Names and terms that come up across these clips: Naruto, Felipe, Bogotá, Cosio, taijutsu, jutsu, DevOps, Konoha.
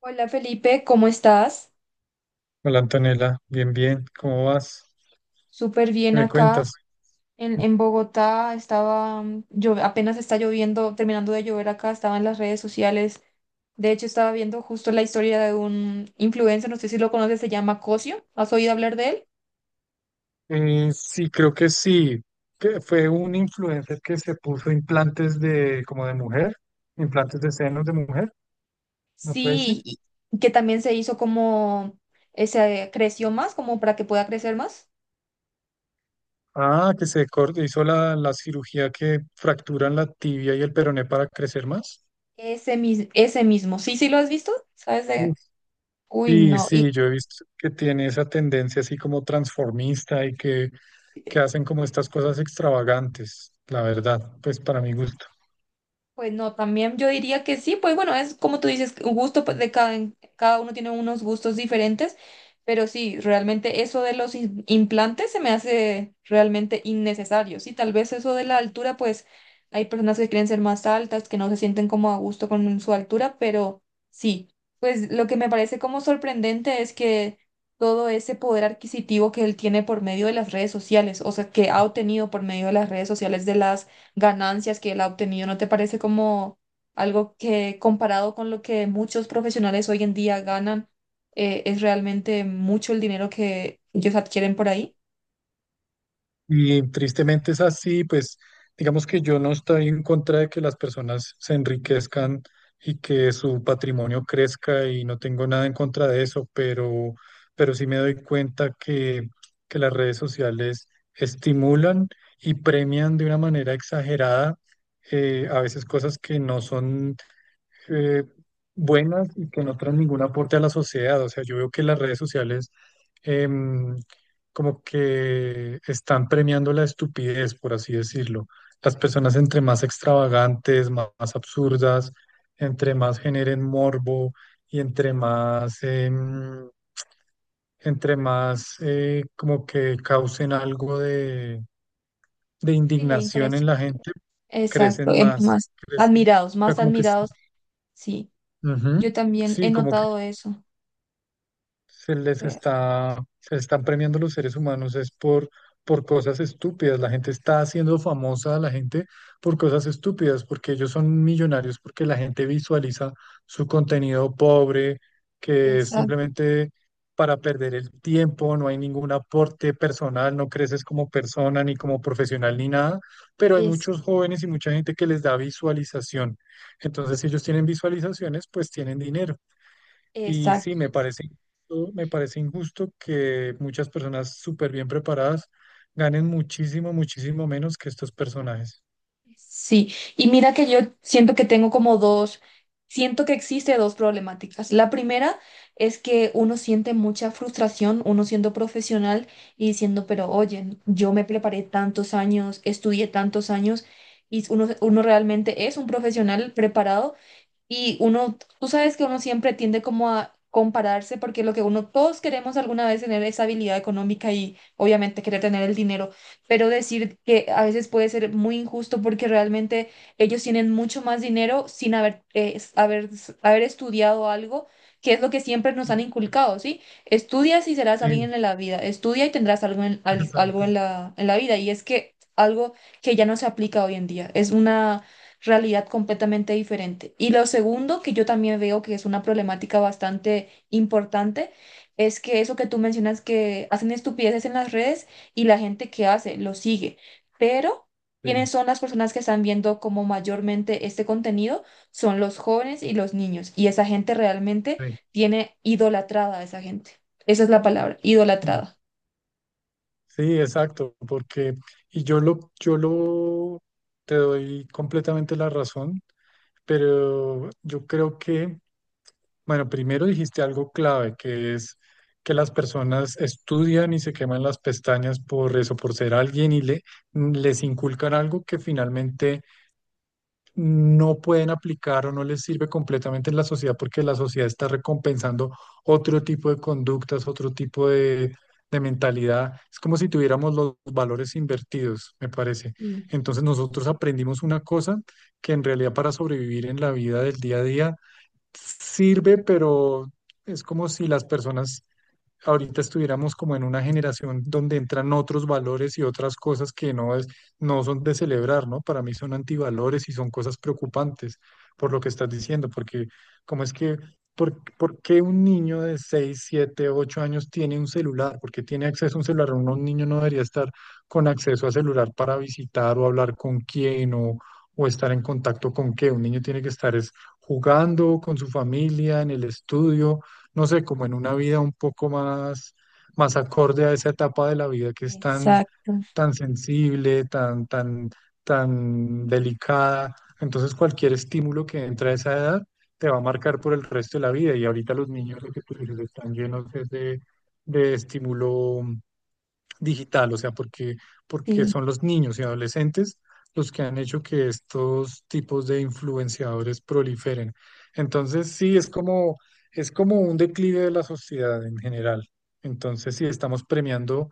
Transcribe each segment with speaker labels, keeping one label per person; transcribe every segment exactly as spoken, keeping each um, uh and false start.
Speaker 1: Hola Felipe, ¿cómo estás?
Speaker 2: Hola Antonella, bien, bien, ¿cómo vas?
Speaker 1: Súper
Speaker 2: ¿Qué
Speaker 1: bien
Speaker 2: me
Speaker 1: acá
Speaker 2: cuentas?
Speaker 1: en, en Bogotá. Estaba, mm, yo apenas está lloviendo, terminando de llover acá, estaba en las redes sociales. De hecho, estaba viendo justo la historia de un influencer, no sé si lo conoces, se llama Cosio. ¿Has oído hablar de él?
Speaker 2: Eh, sí, creo que sí, que fue un influencer que se puso implantes de, como de mujer, implantes de senos de mujer. ¿No puede ser?
Speaker 1: Sí, y que también se hizo como, eh, se creció más, como para que pueda crecer más.
Speaker 2: Ah, que se cortó, hizo la, la cirugía que fracturan la tibia y el peroné para crecer más.
Speaker 1: Ese, mis- ese mismo. Sí, sí lo has visto, ¿sabes? de-
Speaker 2: Uf.
Speaker 1: Uy,
Speaker 2: Sí,
Speaker 1: no. Y
Speaker 2: sí, yo he visto que tiene esa tendencia así como transformista y que, que hacen como estas cosas extravagantes, la verdad, pues para mi gusto.
Speaker 1: pues no, también yo diría que sí, pues bueno, es como tú dices, un gusto pues, de cada, cada uno tiene unos gustos diferentes, pero sí, realmente eso de los im- implantes se me hace realmente innecesario, sí, tal vez eso de la altura, pues hay personas que quieren ser más altas, que no se sienten como a gusto con su altura, pero sí, pues lo que me parece como sorprendente es que todo ese poder adquisitivo que él tiene por medio de las redes sociales, o sea, que ha obtenido por medio de las redes sociales, de las ganancias que él ha obtenido, ¿no te parece como algo que comparado con lo que muchos profesionales hoy en día ganan, eh, es realmente mucho el dinero que ellos adquieren por ahí?
Speaker 2: Y tristemente es así, pues digamos que yo no estoy en contra de que las personas se enriquezcan y que su patrimonio crezca y no tengo nada en contra de eso, pero, pero sí me doy cuenta que, que las redes sociales estimulan y premian de una manera exagerada, eh, a veces cosas que no son, eh, buenas y que no traen ningún aporte a la sociedad. O sea, yo veo que las redes sociales, em, como que están premiando la estupidez, por así decirlo. Las personas, entre más extravagantes, ma- más, absurdas, entre más generen morbo y entre más, em, entre más eh, como que causen algo de, de
Speaker 1: Sí, la
Speaker 2: indignación en
Speaker 1: impresión.
Speaker 2: la gente,
Speaker 1: Exacto,
Speaker 2: crecen
Speaker 1: em-
Speaker 2: más,
Speaker 1: más
Speaker 2: crecen, o
Speaker 1: admirados,
Speaker 2: sea,
Speaker 1: más
Speaker 2: como que sí,
Speaker 1: admirados. Sí, yo
Speaker 2: ujú,
Speaker 1: también
Speaker 2: sí,
Speaker 1: he
Speaker 2: como que
Speaker 1: notado eso.
Speaker 2: se les
Speaker 1: Re-
Speaker 2: está, se les están premiando los seres humanos es por, por cosas estúpidas. La gente está haciendo famosa a la gente por cosas estúpidas, porque ellos son millonarios, porque la gente visualiza su contenido pobre, que es
Speaker 1: Exacto,
Speaker 2: simplemente para perder el tiempo, no hay ningún aporte personal, no creces como persona, ni como profesional, ni nada, pero hay
Speaker 1: es,
Speaker 2: muchos jóvenes y mucha gente que les da visualización. Entonces, si ellos tienen visualizaciones, pues tienen dinero. Y sí,
Speaker 1: exacto.
Speaker 2: me parece, injusto- me parece injusto que muchas personas súper bien preparadas ganen muchísimo, muchísimo menos que estos personajes.
Speaker 1: Sí, y mira que yo siento que tengo como dos, siento que existe dos problemáticas. La primera es que uno siente mucha frustración, uno siendo profesional y diciendo, pero oye, yo me preparé tantos años, estudié tantos años y uno, uno realmente es un profesional preparado, y uno, tú sabes que uno siempre tiende como a compararse porque lo que uno, todos queremos alguna vez tener esa habilidad económica y obviamente querer tener el dinero, pero decir que a veces puede ser muy injusto porque realmente ellos tienen mucho más dinero sin haber, eh, s- haber, s- haber estudiado algo, que es lo que siempre nos han
Speaker 2: Sí,
Speaker 1: inculcado, ¿sí? Estudias y serás
Speaker 2: sí,
Speaker 1: alguien en la vida, estudia y tendrás algo en, al- algo
Speaker 2: exacto.
Speaker 1: en la, en la vida, y es que algo que ya no se aplica hoy en día, es una realidad completamente diferente. Y lo segundo, que yo también veo que es una problemática bastante importante, es que eso que tú mencionas, que hacen estupideces en las redes y la gente que hace lo sigue, pero
Speaker 2: Sí,
Speaker 1: ¿quiénes son las personas que están viendo como mayormente este contenido? Son los jóvenes y los niños, y esa gente realmente
Speaker 2: sí,
Speaker 1: tiene idolatrada a esa gente. Esa es la palabra,
Speaker 2: sí,
Speaker 1: idolatrada.
Speaker 2: sí, exacto. Porque, y yo lo, yo lo, te doy completamente la razón, pero yo creo que bueno, primero dijiste algo clave, que es que las personas estudian y se queman las pestañas por eso, por ser alguien y le, les inculcan algo que finalmente no pueden aplicar o no les sirve completamente en la sociedad porque la sociedad está recompensando otro tipo de conductas, otro tipo de, de mentalidad. Es como si tuviéramos los valores invertidos, me parece.
Speaker 1: Sí,
Speaker 2: Entonces nosotros aprendimos una cosa que en realidad para sobrevivir en la vida del día a día sirve, pero es como si las personas ahorita estuviéramos como en una generación donde entran otros valores y otras cosas que no es, no son de celebrar, ¿no? Para mí son antivalores y son cosas preocupantes por lo que estás diciendo, porque cómo es que, por, por qué un niño de seis siete ocho años tiene un celular? ¿Por qué tiene acceso a un celular? Uno- Un niño no debería estar con acceso a celular para visitar o hablar con quién, o, o estar en contacto con qué. Un niño tiene que estar es jugando con su familia, en el estudio, no sé, como en una vida un poco más, más, acorde a esa etapa de la vida, que es tan,
Speaker 1: exacto,
Speaker 2: tan sensible, tan, tan, tan delicada. Entonces cualquier estímulo que entre a esa edad te va a marcar por el resto de la vida. Y ahorita los niños, lo que tú dices, están llenos es de, de estímulo digital, o sea, porque, porque
Speaker 1: sí.
Speaker 2: son los niños y adolescentes los que han hecho que estos tipos de influenciadores proliferen. Entonces, sí, es como, es como, un declive de la sociedad en general. Entonces, sí, estamos premiando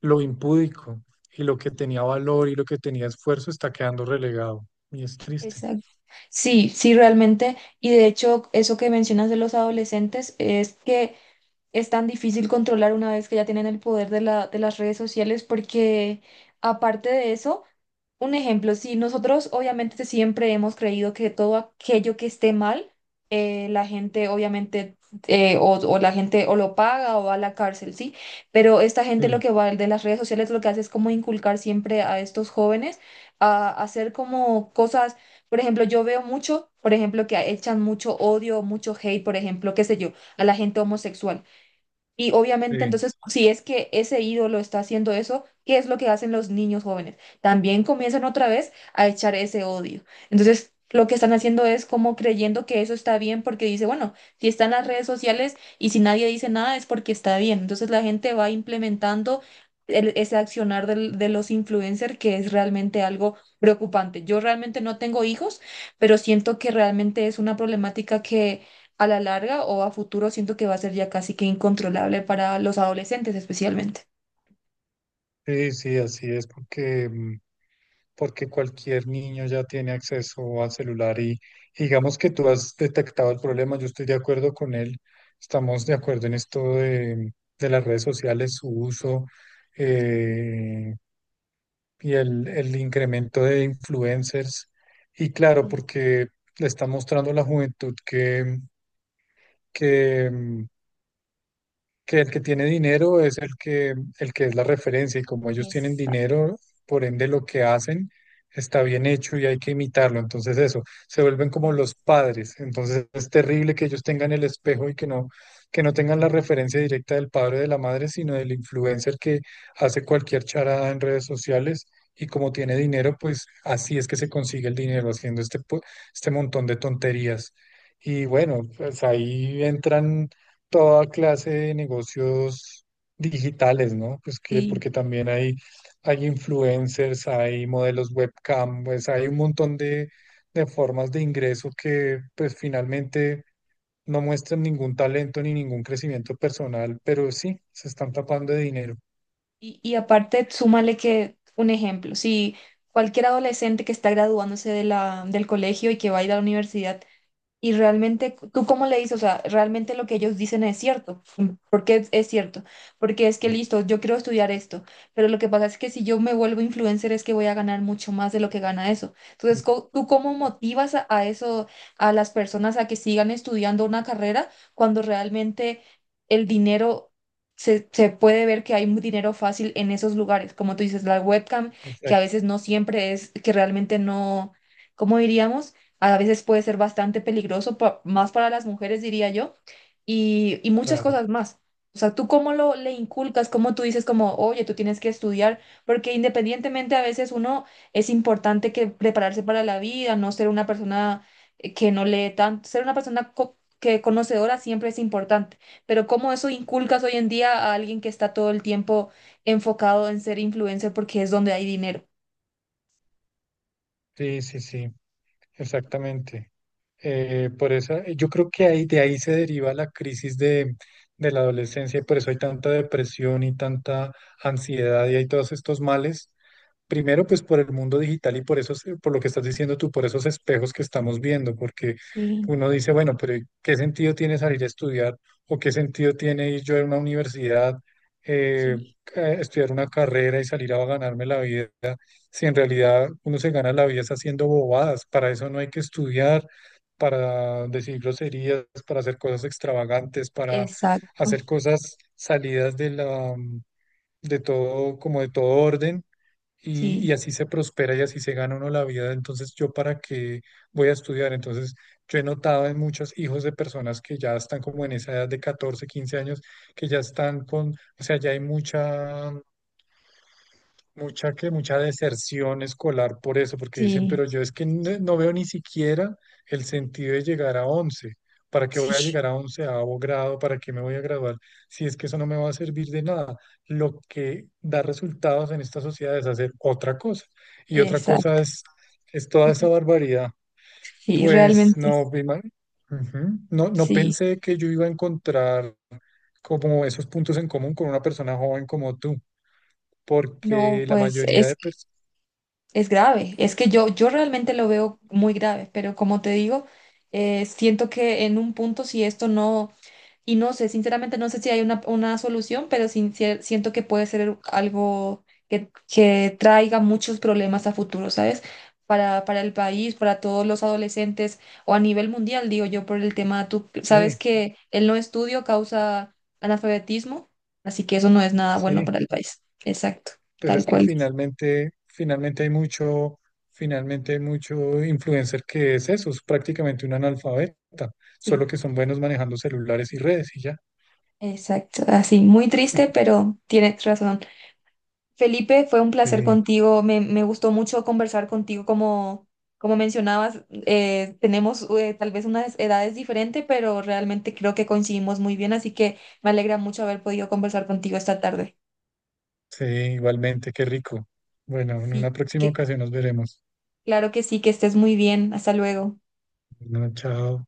Speaker 2: lo impúdico, y lo que tenía valor y lo que tenía esfuerzo está quedando relegado. Y es triste.
Speaker 1: Exacto. Sí, sí, realmente. Y de hecho, eso que mencionas de los adolescentes, es que es tan difícil controlar una vez que ya tienen el poder de la, de las redes sociales, porque aparte de eso, un ejemplo, si nosotros obviamente siempre hemos creído que todo aquello que esté mal, eh, la gente obviamente eh, o, o la gente o lo paga o va a la cárcel, ¿sí? Pero esta gente, lo
Speaker 2: Sí,
Speaker 1: que va de las redes sociales, lo que hace es como inculcar siempre a estos jóvenes a hacer como cosas, por ejemplo, yo veo mucho, por ejemplo, que echan mucho odio, mucho hate, por ejemplo, qué sé yo, a la gente homosexual. Y obviamente,
Speaker 2: sí,
Speaker 1: entonces, si es que ese ídolo está haciendo eso, ¿qué es lo que hacen los niños jóvenes? También comienzan otra vez a echar ese odio. Entonces, lo que están haciendo es como creyendo que eso está bien porque dice, bueno, si están las redes sociales y si nadie dice nada, es porque está bien. Entonces, la gente va implementando el- ese accionar del- de los influencers, que es realmente algo preocupante. Yo realmente no tengo hijos, pero siento que realmente es una problemática que a la larga o a futuro siento que va a ser ya casi que incontrolable para los adolescentes especialmente.
Speaker 2: sí, sí, así es, porque... mm, porque cualquier niño ya tiene acceso al celular, y, y digamos que tú has detectado el problema, yo estoy de acuerdo con él, estamos de acuerdo en esto de, de las redes sociales, su uso, eh, y el, el incremento de influencers. Y claro,
Speaker 1: Sí.
Speaker 2: porque le está mostrando a la juventud que, que mm, que el que tiene dinero es el que, el que es la referencia, y como ellos tienen
Speaker 1: Exacto.
Speaker 2: dinero, por ende lo que hacen está bien hecho y hay que imitarlo. Entonces eso, se vuelven como
Speaker 1: Sí,
Speaker 2: los padres. Entonces es terrible que ellos tengan el espejo y que no, que no tengan la referencia directa del padre o de la madre, sino del influencer que hace cualquier charada en redes sociales. Y como tiene dinero, pues así es que se consigue el dinero, haciendo este, po- este montón de tonterías. Y bueno, pues ahí entran toda clase de negocios digitales, ¿no? Pues que,
Speaker 1: sí.
Speaker 2: porque también hay, hay influencers, hay modelos webcam, pues hay un montón de, de formas de ingreso que pues finalmente no muestran ningún talento ni ningún crecimiento personal, pero sí, se están tapando de dinero.
Speaker 1: Y, y aparte, súmale que un ejemplo, si cualquier adolescente que está graduándose de la, del colegio y que va a ir a la universidad, y realmente, ¿tú cómo le dices? O sea, realmente lo que ellos dicen es cierto. ¿Por qué es, ¿es cierto? Porque es que listo, yo quiero estudiar esto, pero lo que pasa es que si yo me vuelvo influencer es que voy a ganar mucho más de lo que gana eso. Entonces, co- ¿tú cómo motivas a, a eso, a las personas a que sigan estudiando una carrera cuando realmente el dinero... Se, se puede ver que hay un dinero fácil en esos lugares, como tú dices, la webcam, que a
Speaker 2: Exacto,
Speaker 1: veces no siempre es, que realmente no, ¿cómo diríamos? A veces puede ser bastante peligroso, pa- más para las mujeres, diría yo, y, y muchas
Speaker 2: claro.
Speaker 1: cosas más. O sea, tú cómo lo le inculcas, cómo tú dices, como, oye, tú tienes que estudiar, porque independientemente a veces uno, es importante que prepararse para la vida, no ser una persona eh, que no lee tanto, ser una persona co- que conocedora siempre es importante, pero cómo eso inculcas hoy en día a alguien que está todo el tiempo enfocado en ser influencer porque es donde hay dinero.
Speaker 2: Sí, sí, sí, exactamente. Eh, por eso, eh, yo creo que ahí, de ahí se deriva la crisis de, de la adolescencia, y por eso hay tanta depresión y tanta ansiedad y hay todos estos males. Primero, pues por el mundo digital, y por eso, por lo que estás diciendo tú, por esos espejos que estamos viendo, porque
Speaker 1: Sí,
Speaker 2: uno dice, bueno, pero ¿qué sentido tiene salir a estudiar o qué sentido tiene ir yo a una universidad, eh,
Speaker 1: sí,
Speaker 2: a estudiar una carrera y salir a ganarme la vida, si en realidad uno se gana la vida es haciendo bobadas? Para eso no hay que estudiar, para decir groserías, para hacer cosas extravagantes, para
Speaker 1: exacto.
Speaker 2: hacer cosas salidas de la, mm, de todo, como de todo orden, y, y
Speaker 1: Sí,
Speaker 2: así se prospera y así se gana uno la vida. Entonces, ¿yo para qué voy a estudiar? Entonces, yo he notado en muchos hijos de personas que ya están como en esa edad de catorce quince años, que ya están con, o sea, ya hay mucha Mucha que mucha deserción escolar por eso, porque dicen,
Speaker 1: sí.
Speaker 2: pero yo es que no, no veo ni siquiera el sentido de llegar a once. ¿Para qué voy a
Speaker 1: Sí,
Speaker 2: llegar a onceavo grado? ¿Para qué me voy a graduar? Si es que eso no me va a servir de nada. Lo que da resultados en esta sociedad es hacer otra cosa. Y otra cosa
Speaker 1: exacto.
Speaker 2: es, es toda esa barbaridad.
Speaker 1: Sí,
Speaker 2: Pues
Speaker 1: realmente,
Speaker 2: no, vi mal. Ujú. No, no
Speaker 1: sí.
Speaker 2: pensé que yo iba a encontrar como esos puntos en común con una persona joven como tú,
Speaker 1: No,
Speaker 2: porque la
Speaker 1: pues
Speaker 2: mayoría
Speaker 1: es,
Speaker 2: de personas...
Speaker 1: es grave. Es que yo, yo realmente lo veo muy grave, pero como te digo, eh, siento que en un punto, si esto no... Y no sé, sinceramente no sé si hay una, una solución, pero sin- sie- siento que puede ser algo que, que traiga muchos problemas a futuro, ¿sabes? Para, para el país, para todos los adolescentes o a nivel mundial, digo yo, por el tema, tú sabes
Speaker 2: Sí,
Speaker 1: que el no estudio causa analfabetismo, así que eso no es nada bueno
Speaker 2: sí,
Speaker 1: para el país. Exacto,
Speaker 2: pues
Speaker 1: tal
Speaker 2: es que
Speaker 1: cual.
Speaker 2: finalmente, finalmente hay mucho, finalmente hay mucho influencer que es eso, es prácticamente un analfabeta, solo
Speaker 1: Sí,
Speaker 2: que son buenos manejando celulares y redes y ya.
Speaker 1: exacto. Así, muy triste, pero tienes razón. Felipe, fue un placer
Speaker 2: Sí,
Speaker 1: contigo. Me, me gustó mucho conversar contigo. Como, como mencionabas, eh, tenemos eh, tal vez unas edades diferentes, pero realmente creo que coincidimos muy bien. Así que me alegra mucho haber podido conversar contigo esta tarde.
Speaker 2: sí, igualmente, qué rico. Bueno, en
Speaker 1: Sí,
Speaker 2: una próxima
Speaker 1: que,
Speaker 2: ocasión nos veremos.
Speaker 1: claro que sí, que estés muy bien. Hasta luego.
Speaker 2: Bueno, chao.